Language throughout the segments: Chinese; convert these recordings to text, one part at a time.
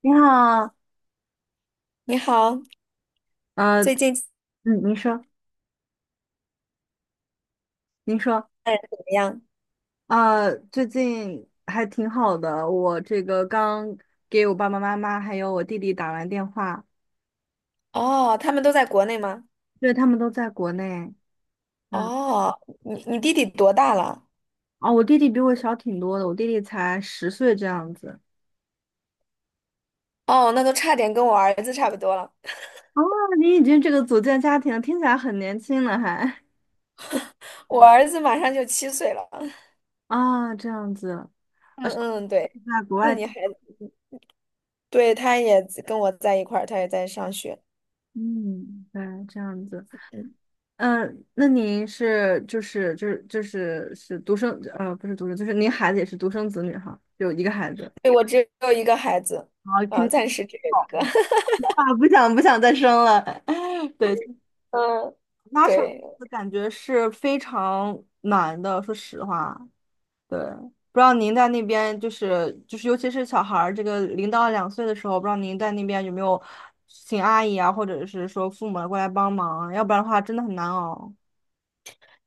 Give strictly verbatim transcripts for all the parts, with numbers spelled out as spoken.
你好。你好，呃，最近家嗯，您说，您说，人怎么样？啊，最近还挺好的。我这个刚给我爸爸妈妈还有我弟弟打完电话，哦，他们都在国内吗？因为他们都在国内。嗯。哦，你你弟弟多大了？哦，我弟弟比我小挺多的，我弟弟才十岁这样子。哦，那都差点跟我儿子差不多了。哦，你已经这个组建家庭了听起来很年轻了还。我儿子马上就七岁了。啊，这样子，啊，嗯是嗯，对。在国那外。你还，对，他也跟我在一块儿，他也在上学。嗯，对，这样子。嗯，嗯，那您是就是就是就是是独生呃不是独生，就是您孩子也是独生子女哈，有一个孩子。对，我只有一个孩子，啊，肯啊，暂定时只有好一个。啊，不想不想再生了。对，嗯，家长对。的感觉是非常难的，说实话。对，不知道您在那边就是就是，尤其是小孩儿这个零到两岁的时候，不知道您在那边有没有请阿姨啊，或者是说父母过来帮忙啊，要不然的话真的很难熬。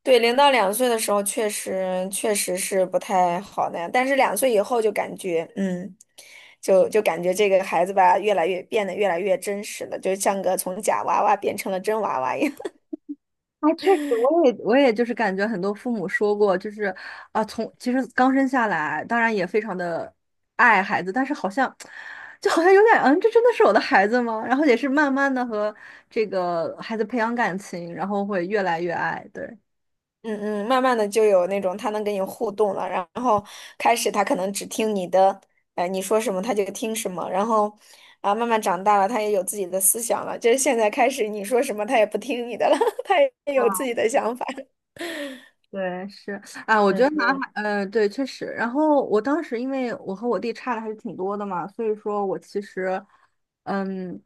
对，零到两岁的时候确实确实是不太好的，样，但是两岁以后就感觉，嗯，就就感觉这个孩子吧，越来越变得越来越真实了，就像个从假娃娃变成了真娃娃一样。啊，确实。我也我也就是感觉很多父母说过，就是啊，从其实刚生下来，当然也非常的爱孩子，但是好像就好像有点，嗯，这真的是我的孩子吗？然后也是慢慢的和这个孩子培养感情，然后会越来越爱，对。嗯嗯，慢慢的就有那种他能跟你互动了，然后开始他可能只听你的，呃，你说什么他就听什么，然后啊，慢慢长大了，他也有自己的思想了，就是现在开始你说什么他也不听你的了，他也有自己的想法。对，是啊，我觉得男嗯孩，呃，对，确实。然后我当时因为我和我弟差的还是挺多的嘛，所以说我其实，嗯，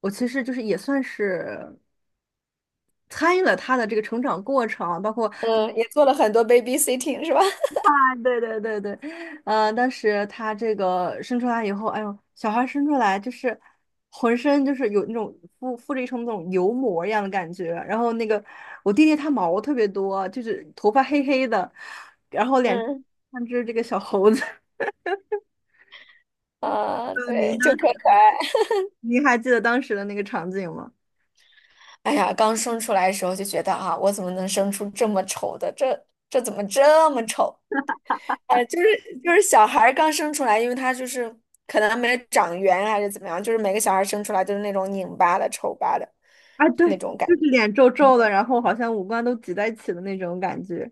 我其实就是也算是参与了他的这个成长过程，包括 嗯，也做了很多 babysitting 是吧？对对对对，呃，当时他这个生出来以后，哎呦，小孩生出来就是浑身就是有那种附附着一层那种油膜一样的感觉，然后那个我弟弟他毛特别多，就是头发黑黑的，然后脸嗯像只这个小猴子。啊，呃，您对，就当时可可爱。您还记得当时的那个场景吗？哎呀，刚生出来的时候就觉得啊，我怎么能生出这么丑的？这这怎么这么丑？哎，就是就是小孩儿刚生出来，因为他就是可能没长圆还是怎么样，就是每个小孩儿生出来都是那种拧巴的、丑巴的啊，那对，种感就觉。是脸皱皱的，然后好像五官都挤在一起的那种感觉。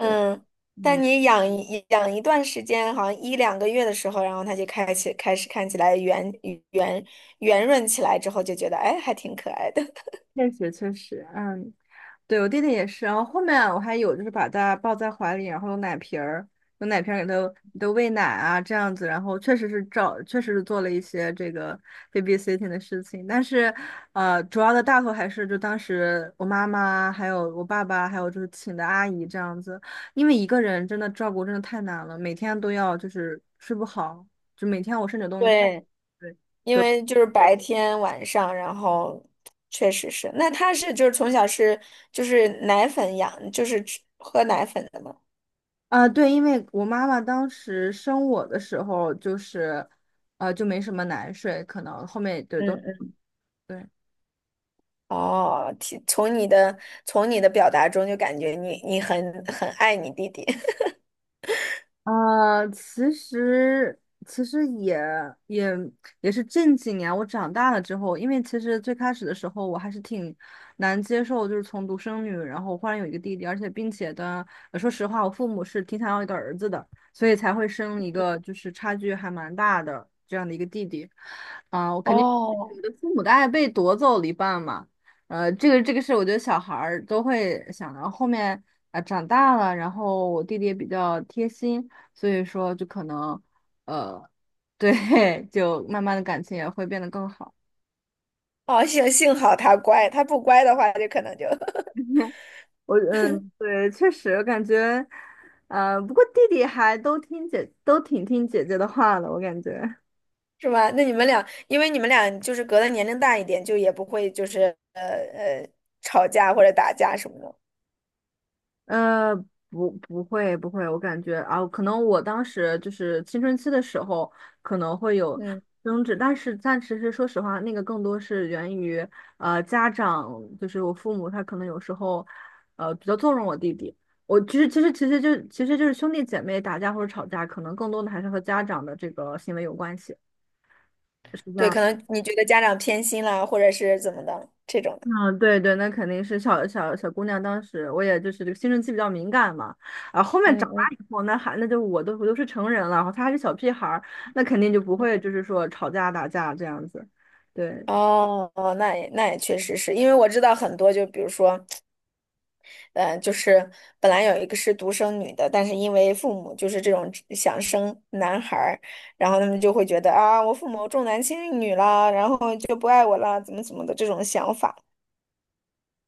对，但嗯。你养一养一段时间，好像一两个月的时候，然后他就开始开始看起来圆圆圆润起来之后，就觉得哎，还挺可爱的。确实确实，嗯，对我弟弟也是，然后后面我还有就是把他抱在怀里，然后用奶瓶儿，用奶瓶儿给他给他喂奶啊，这样子，然后确实是照，确实是做了一些这个 babysitting 的事情，但是呃，主要的大头还是就当时我妈妈，还有我爸爸，还有就是请的阿姨这样子，因为一个人真的照顾真的太难了，每天都要就是睡不好，就每天我甚至 都。对。对。因隔。为就是白天晚上，然后确实是。那他是就是从小是就是奶粉养，就是吃喝奶粉的吗？啊，对，因为我妈妈当时生我的时候，就是，呃，就没什么奶水，可能后面对嗯都嗯，对。哦，听从你的从你的表达中就感觉你你很很爱你弟弟。啊，其实其实也也也是近几年我长大了之后，因为其实最开始的时候我还是挺难接受，就是从独生女，然后忽然有一个弟弟，而且并且的，呃说实话，我父母是挺想要一个儿子的，所以才会生一个就是差距还蛮大的这样的一个弟弟。啊，我肯定会觉得父母的爱被夺走了一半嘛。呃，这个这个是我觉得小孩儿都会想到后面啊、长大了，然后我弟弟也比较贴心。所以说就可能，呃，对，就慢慢的感情也会变得更好。哦，幸幸好他乖，他不乖的话就可能就 我嗯，对，确实感觉，呃，不过弟弟还都听姐，都挺听姐姐的话的，我感觉。是吧？那你们俩，因为你们俩就是隔的年龄大一点，就也不会就是呃呃吵架或者打架什么的。呃，不，不会，不会，我感觉啊，可能我当时就是青春期的时候，可能会有嗯，争执，但是但其实说实话，那个更多是源于呃家长，就是我父母，他可能有时候呃比较纵容我弟弟。我其实其实其实就其实就是兄弟姐妹打架或者吵架，可能更多的还是和家长的这个行为有关系，是这对，样。可能你觉得家长偏心啦，或者是怎么的这种的。嗯，对对，那肯定是小小小姑娘。当时我也就是这个青春期比较敏感嘛，啊，后面长嗯大嗯，以后，那还那就我都我都是成人了，然后他还是小屁孩儿，那肯定就不会就是说吵架打架这样子。对，哦哦，那也那也确实是因为我知道很多，就比如说，呃，就是本来有一个是独生女的，但是因为父母就是这种想生男孩儿，然后他们就会觉得啊，我父母重男轻女了，然后就不爱我了，怎么怎么的这种想法。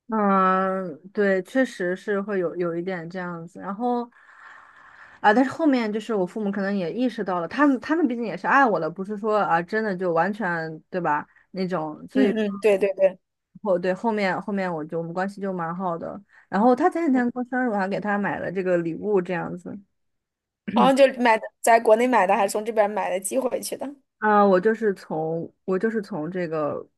嗯，对，确实是会有有一点这样子。然后啊，但是后面就是我父母可能也意识到了，他们他们毕竟也是爱我的，不是说啊真的就完全对吧？嗯嗯，对对对，后对，后面后面我就我们关系就蛮好的，然后他前几天过生日，我还给他买了这个礼物这样子。然后就买的，在国内买的，还从这边买的寄回去的，啊、我就是从我就是从这个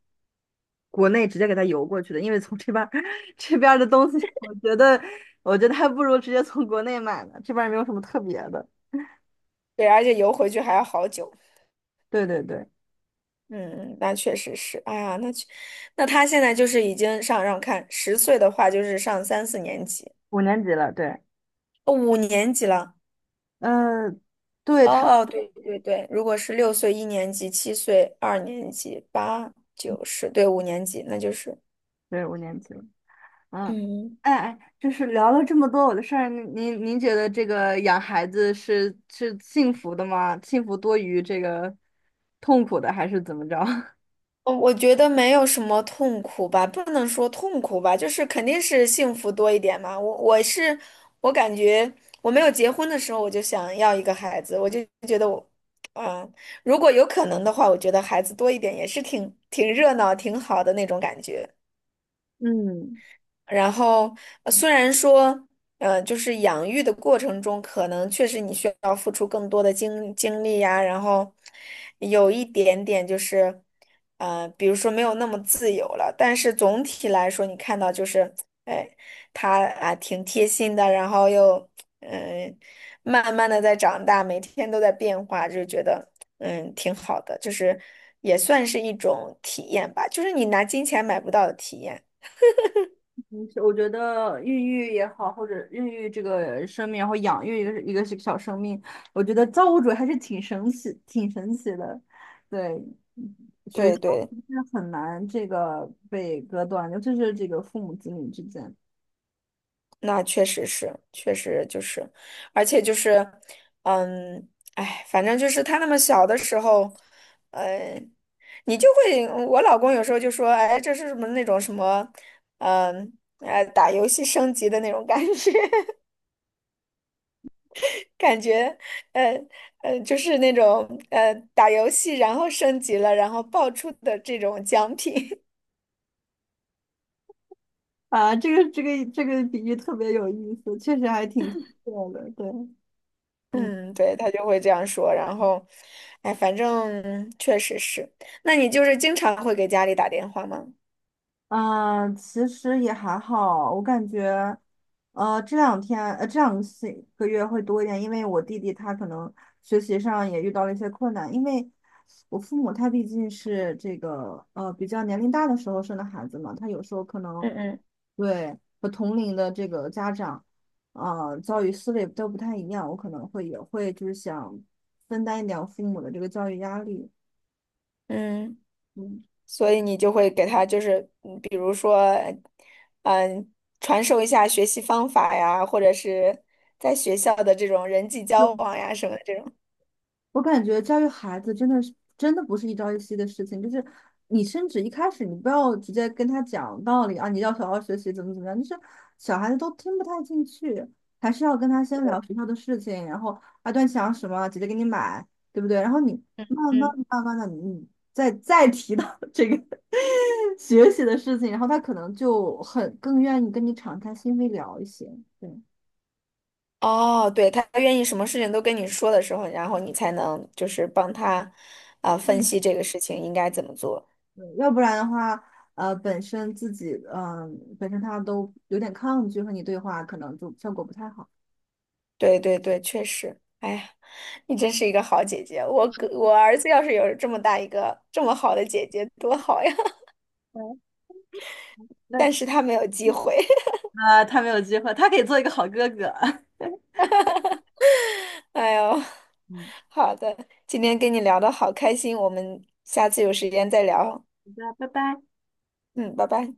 国内直接给他邮过去的，因为从这边儿 这边儿的东西，我觉得我觉得还不如直接从国内买呢，这边儿也没有什么特别的。对，而且邮回去还要好久。对对对，嗯，那确实是，哎呀，那确那他现在就是已经上让看十岁的话，就是上三四年级，五年级了，对，哦五年级了。呃，对哦他，哦，对对对，如果是六岁一年级、七岁二年级、八九十，对，五年级，那就是对五年级了。嗯。嗯。哎哎，就是聊了这么多我的事儿，您您您觉得这个养孩子是是幸福的吗？幸福多于这个痛苦的，还是怎么着？我我觉得没有什么痛苦吧，不能说痛苦吧，就是肯定是幸福多一点嘛。我我是我感觉我没有结婚的时候我就想要一个孩子，我就觉得我，嗯，如果有可能的话，我觉得孩子多一点也是挺挺热闹、挺好的那种感觉。嗯，然后呃虽然说，呃，就是养育的过程中，可能确实你需要付出更多的精精力呀，然后有一点点就是，呃，比如说没有那么自由了，但是总体来说，你看到就是，哎，他啊挺贴心的，然后又嗯、慢慢的在长大，每天都在变化，就觉得嗯挺好的，就是也算是一种体验吧，就是你拿金钱买不到的体验。嗯我觉得孕育也好，或者孕育这个生命，然后养育一个一个小生命，我觉得造物主还是挺神奇、挺神奇的。对，所以对它对，是很难这个被割断，尤其是这个父母子女之间。那确实是，确实就是，而且就是，嗯，哎，反正就是他那么小的时候，呃，你就会，我老公有时候就说，哎，这是什么那种什么，嗯，呃，打游戏升级的那种感觉，感觉，呃，呃，就是那种，呃，打游戏然后升级了，然后爆出的这种奖品，啊，这个这个这个比喻特别有意思，确实还挺特的，对，嗯。嗯，对，他就会这样说，然后，哎，反正确实是。那你就是经常会给家里打电话吗？嗯，其实也还好，我感觉，呃，这两天，呃，这两个星个月会多一点，因为我弟弟他可能学习上也遇到了一些困难，因为我父母他毕竟是这个呃比较年龄大的时候生的孩子嘛，他有时候可能嗯嗯对和同龄的这个家长，呃，教育思维都不太一样，我可能会也会就是想分担一点我父母的这个教育压力，嗯，嗯。所以你就会给他就是，嗯比如说，嗯，传授一下学习方法呀，或者是在学校的这种人际交往呀什么的这种。我感觉教育孩子真的是真的不是一朝一夕的事情，就是你甚至一开始你不要直接跟他讲道理啊，你要好好学习怎么怎么样，就是小孩子都听不太进去，还是要跟他先聊学校的事情，然后啊，段想什么，姐姐给你买，对不对？然后你慢慢嗯，慢慢的，你再再提到 这个学习的事情，然后他可能就很更愿意跟你敞开心扉聊一些，对。哦，对，他愿意什么事情都跟你说的时候，然后你才能就是帮他，啊、分嗯。析这个事情应该怎么做。对，要不然的话，呃，本身自己，嗯、本身他都有点抗拒和你对话，可能就效果不太好。对对对，确实。哎呀，你真是一个好姐姐。我哥我儿子要是有这么大一个这么好的姐姐，多好呀！对，那但是他没有机会。呃，他没有机会，他可以做一个好哥哥。哎呦，嗯。好的，今天跟你聊的好开心，我们下次有时间再聊。好的，拜拜。嗯，拜拜。